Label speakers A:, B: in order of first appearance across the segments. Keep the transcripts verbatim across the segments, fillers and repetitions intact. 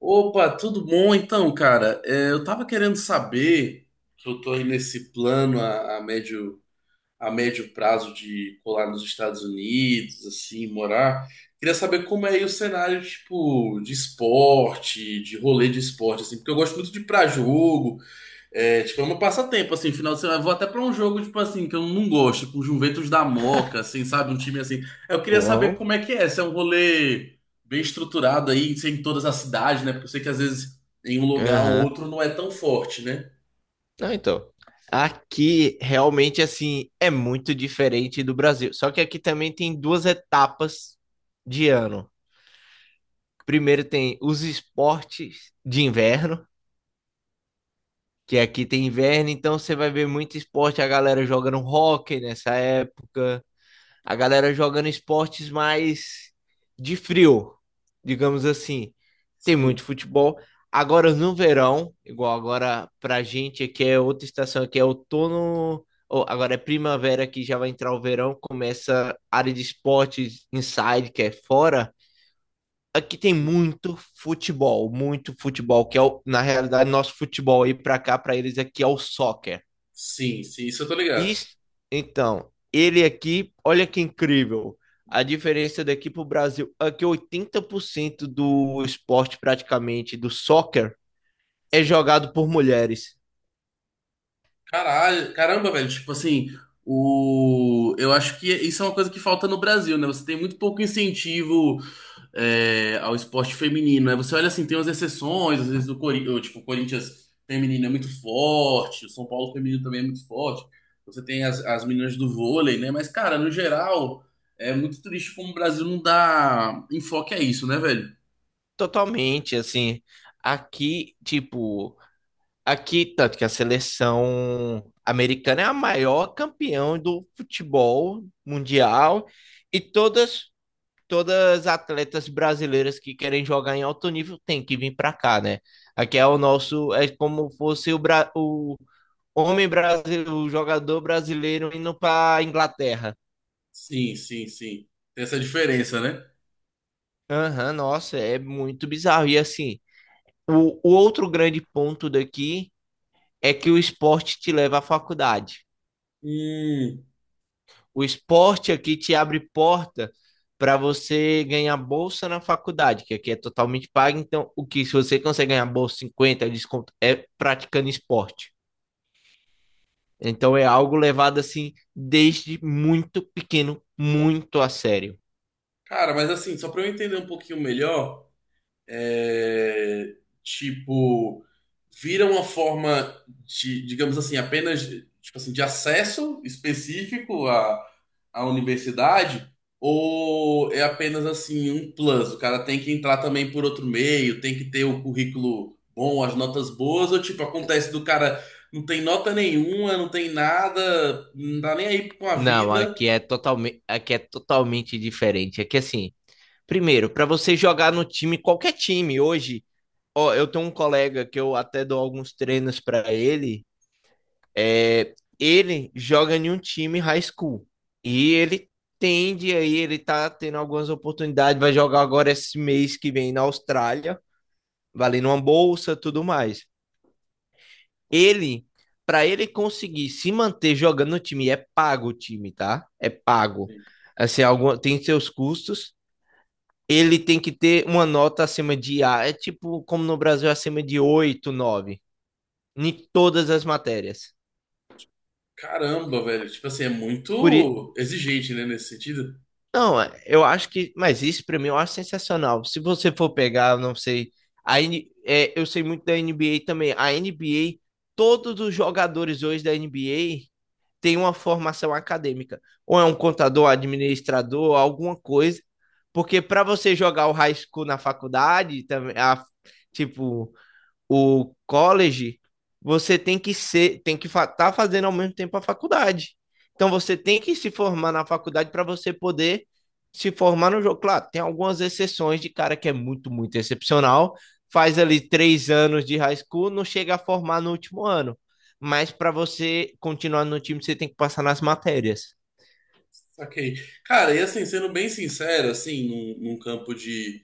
A: Opa, tudo bom? Então, cara, é, eu tava querendo saber que eu tô aí nesse plano a, a médio, a médio prazo de colar nos Estados Unidos, assim, morar. Queria saber como é aí o cenário, tipo, de esporte, de rolê de esporte, assim, porque eu gosto muito de ir pra jogo, é, tipo, é um passatempo, assim, final de semana. Eu vou até pra um jogo, tipo assim, que eu não gosto, tipo, Juventus da Moca, assim, sabe? Um time assim. Eu queria saber
B: Bom,
A: como é que é, se é um rolê bem estruturado aí, se é em todas as cidades, né? Porque eu sei que às vezes em um lugar ou
B: aham.
A: outro não é tão forte, né?
B: Não, então, aqui realmente assim é muito diferente do Brasil. Só que aqui também tem duas etapas de ano. Primeiro tem os esportes de inverno, que aqui tem inverno, então você vai ver muito esporte, a galera jogando hóquei nessa época, a galera jogando esportes mais de frio, digamos assim. Tem
A: Sim.
B: muito futebol. Agora no verão, igual agora pra gente aqui é outra estação, aqui é outono, ou agora é primavera que já vai entrar o verão, começa a área de esportes inside, que é fora. Aqui tem muito futebol, muito futebol, que é o, na realidade nosso futebol aí pra cá, pra eles aqui é o soccer.
A: Sim, sim, isso eu tô ligado.
B: Isso, então, ele aqui, olha que incrível. A diferença daqui para o Brasil é que oitenta por cento do esporte, praticamente, do soccer, é
A: Sim.
B: jogado por mulheres.
A: Caralho, caramba, velho, tipo assim, o... eu acho que isso é uma coisa que falta no Brasil, né? Você tem muito pouco incentivo é, ao esporte feminino, né? Você olha assim, tem umas exceções, às vezes o Corinthians, tipo, o Corinthians feminino é muito forte, o São Paulo feminino também é muito forte. Você tem as, as meninas do vôlei, né? Mas, cara, no geral, é muito triste como o Brasil não dá enfoque a isso, né, velho?
B: Totalmente, assim. Aqui, tipo, aqui, tanto que a seleção americana é a maior campeã do futebol mundial e todas todas as atletas brasileiras que querem jogar em alto nível têm que vir para cá, né? Aqui é o nosso, é como fosse o, Bra- o homem brasileiro, o jogador brasileiro indo para Inglaterra.
A: Sim, sim, sim. Tem essa diferença, né?
B: Aham, nossa, é muito bizarro. E assim, o, o outro grande ponto daqui é que o esporte te leva à faculdade.
A: Hum.
B: O esporte aqui te abre porta para você ganhar bolsa na faculdade, que aqui é totalmente paga. Então, o que se você consegue ganhar bolsa cinquenta, desconto é praticando esporte. Então é algo levado assim desde muito pequeno, muito a sério.
A: Cara, mas assim, só pra eu entender um pouquinho melhor. é, tipo, Vira uma forma de, digamos assim, apenas tipo assim, de acesso específico à, à universidade, ou é apenas assim um plus? O cara tem que entrar também por outro meio, tem que ter o currículo bom, as notas boas, ou tipo, acontece do cara não tem nota nenhuma, não tem nada, não tá nem aí com a
B: Não,
A: vida.
B: aqui é totalmente, aqui é totalmente diferente. Aqui assim, primeiro, para você jogar no time, qualquer time hoje, ó, eu tenho um colega que eu até dou alguns treinos para ele. É, ele joga em um time high school e ele tende aí, ele tá tendo algumas oportunidades, vai jogar agora esse mês que vem na Austrália, valendo uma bolsa, tudo mais. Ele, para ele conseguir se manter jogando no time, é pago o time, tá? É pago. Assim, algum, tem seus custos. Ele tem que ter uma nota acima de A, é tipo como no Brasil acima de oito, nove, em todas as matérias.
A: Caramba, velho, tipo assim, é
B: Por,
A: muito exigente, né, nesse sentido.
B: Não, é- eu acho que. Mas isso pra mim eu acho sensacional. Se você for pegar, eu não sei. A, N é, eu sei muito da N B A também. A N B A, todos os jogadores hoje da N B A têm uma formação acadêmica. Ou é um contador, administrador, alguma coisa. Porque pra você jogar o high school na faculdade, também, a- tipo, o college, você tem que ser, tem que estar tá fazendo ao mesmo tempo a faculdade. Então você tem que se formar na faculdade para você poder se formar no jogo. Claro, tem algumas exceções de cara que é muito, muito excepcional, faz ali três anos de high school, não chega a formar no último ano. Mas para você continuar no time, você tem que passar nas matérias.
A: Saquei. Cara, e assim, sendo bem sincero, assim, num, num campo de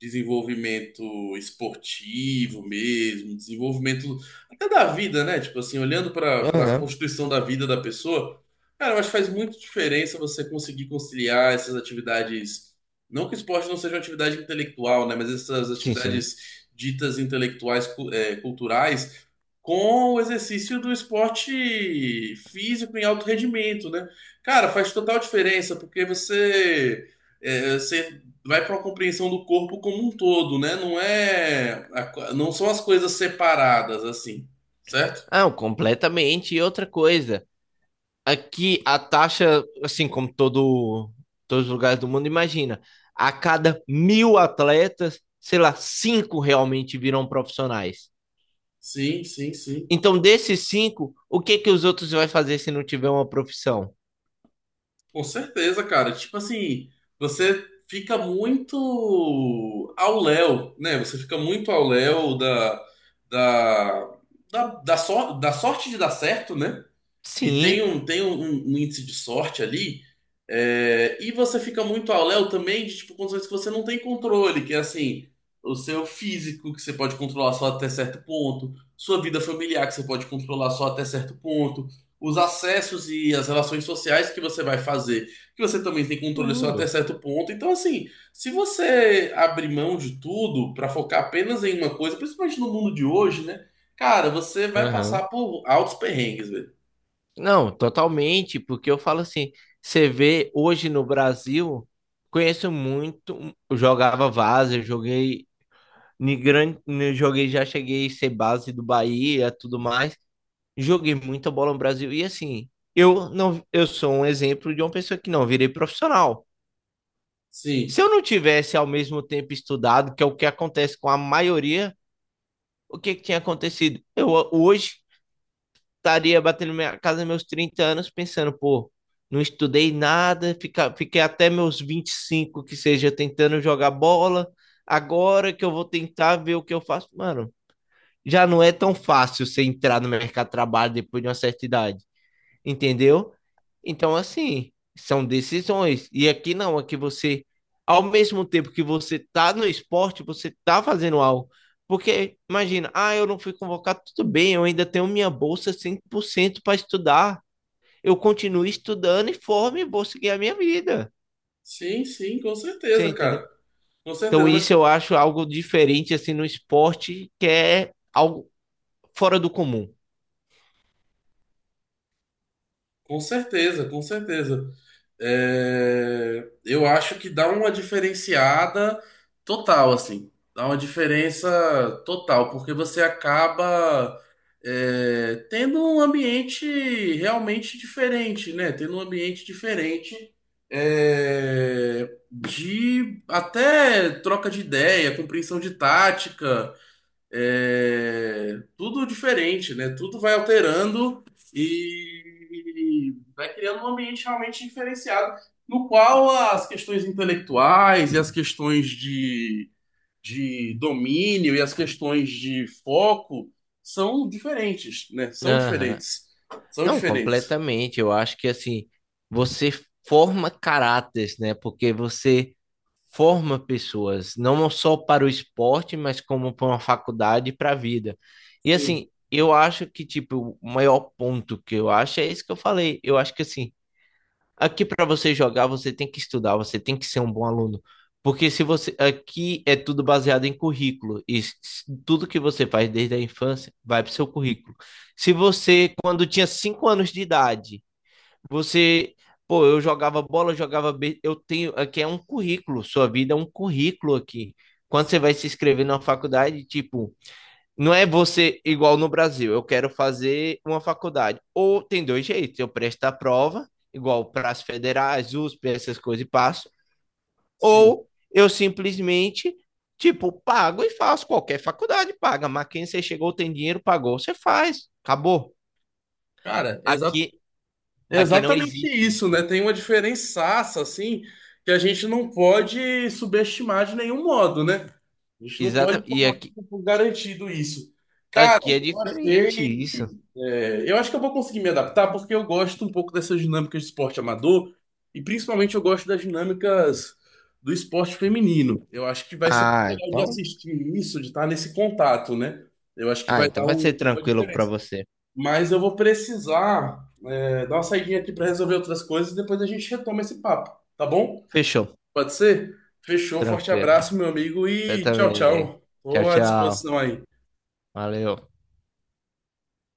A: desenvolvimento esportivo mesmo, desenvolvimento até da vida, né? Tipo assim, olhando para para
B: Aham.
A: constituição da vida da pessoa, cara, eu acho que faz muito diferença você conseguir conciliar essas atividades. Não que o esporte não seja uma atividade intelectual, né? Mas essas
B: Sim, sim.
A: atividades ditas intelectuais, cu- é, culturais com o exercício do esporte físico em alto rendimento, né? Cara, faz total diferença, porque você, é, você vai para uma compreensão do corpo como um todo, né? Não é, a co- não são as coisas separadas assim, certo?
B: Ah, completamente. E outra coisa. Aqui a taxa, assim como todo, todos os lugares do mundo, imagina, a cada mil atletas, sei lá, cinco realmente viram profissionais.
A: Sim, sim, sim.
B: Então, desses cinco, o que que os outros vai fazer se não tiver uma profissão?
A: Com certeza, cara. Tipo assim, você fica muito ao léu, né? Você fica muito ao léu da, da, da, da, sor- da sorte de dar certo, né? Que tem
B: Sim,
A: um, tem um, um um índice de sorte ali. É, e você fica muito ao léu também de tipo, condições que você não tem controle, que é assim, o seu físico, que você pode controlar só até certo ponto, sua vida familiar, que você pode controlar só até certo ponto, os acessos e as relações sociais que você vai fazer, que você também tem controle só até
B: tudo.
A: certo ponto. Então, assim, se você abrir mão de tudo para focar apenas em uma coisa, principalmente no mundo de hoje, né? Cara, você vai
B: Aham.
A: passar por altos perrengues, velho.
B: Não, totalmente, porque eu falo assim, você vê hoje no Brasil, conheço muito, eu jogava vaza, eu joguei, em grande, joguei, já cheguei a ser base do Bahia, tudo mais. Joguei muita bola no Brasil. E assim, eu não, eu sou um exemplo de uma pessoa que não virei profissional.
A: Sim,
B: Se eu não tivesse ao mesmo tempo estudado, que é o que acontece com a maioria, o que, que tinha acontecido? Eu hoje estaria batendo minha casa meus trinta anos pensando, pô, não estudei nada, fica, fiquei até meus vinte e cinco que seja tentando jogar bola. Agora que eu vou tentar ver o que eu faço, mano, já não é tão fácil você entrar no mercado de trabalho depois de uma certa idade. Entendeu? Então, assim, são decisões. E aqui não, aqui você, ao mesmo tempo que você tá no esporte, você tá fazendo algo. Porque, imagina, ah, eu não fui convocado, tudo bem, eu ainda tenho minha bolsa cem por cento para estudar. Eu continuo estudando e formo e vou seguir a minha vida.
A: sim, sim, com
B: Você
A: certeza,
B: entendeu?
A: cara. Com
B: Então,
A: certeza, mas
B: isso eu acho algo diferente, assim, no esporte, que é algo fora do comum.
A: com certeza, com certeza. É, eu acho que dá uma diferenciada total, assim. Dá uma diferença total, porque você acaba é, tendo um ambiente realmente diferente, né? Tendo um ambiente diferente, é, de até troca de ideia, compreensão de tática. É, tudo diferente, né? Tudo vai alterando e vai criando um ambiente realmente diferenciado, no qual as questões intelectuais e as questões de, de domínio e as questões de foco são diferentes, né? São
B: Aham.
A: diferentes. São
B: Não,
A: diferentes.
B: completamente. Eu acho que assim, você forma caráteres, né? Porque você forma pessoas, não só para o esporte, mas como para uma faculdade e para a vida. E
A: Sim,
B: assim, eu acho que tipo, o maior ponto que eu acho é isso que eu falei. Eu acho que assim, aqui para você jogar, você tem que estudar, você tem que ser um bom aluno. Porque se você aqui é tudo baseado em currículo e s- tudo que você faz desde a infância vai para o seu currículo. Se você, quando tinha cinco anos de idade, você, pô, eu jogava bola, eu jogava, be- eu tenho, aqui é um currículo, sua vida é um currículo aqui. Quando você
A: sim,
B: vai se inscrever numa faculdade, tipo, não é você igual no Brasil, eu quero fazer uma faculdade. Ou tem dois jeitos, eu presto a prova, igual para as federais, U S P, essas coisas e passo,
A: sim.
B: ou eu simplesmente, tipo, pago e faço. Qualquer faculdade paga, mas quem você chegou, tem dinheiro, pagou, você faz, acabou.
A: Cara,
B: Aqui,
A: é
B: aqui não
A: exatamente
B: existe
A: isso,
B: isso.
A: né? Tem uma diferençaça, assim, que a gente não pode subestimar de nenhum modo, né? A gente não pode
B: Exato, e
A: tomar
B: aqui,
A: tudo por garantido isso. Cara,
B: aqui é
A: eu achei.
B: diferente isso.
A: É, eu acho que eu vou conseguir me adaptar, porque eu gosto um pouco dessas dinâmicas de esporte amador, e principalmente eu gosto das dinâmicas do esporte feminino. Eu acho que vai ser
B: Ah,
A: muito legal de
B: então,
A: assistir isso, de estar nesse contato, né? Eu acho que
B: ah,
A: vai
B: então
A: dar
B: vai ser
A: um- uma
B: tranquilo para
A: diferença.
B: você.
A: Mas eu vou precisar. É, dá uma saidinha aqui para resolver outras coisas e depois a gente retoma esse papo, tá bom?
B: Fechou,
A: Pode ser? Fechou, forte
B: tranquilo.
A: abraço, meu amigo,
B: Você
A: e tchau,
B: também.
A: tchau.
B: Tchau,
A: Estou à
B: tchau.
A: disposição aí.
B: Valeu.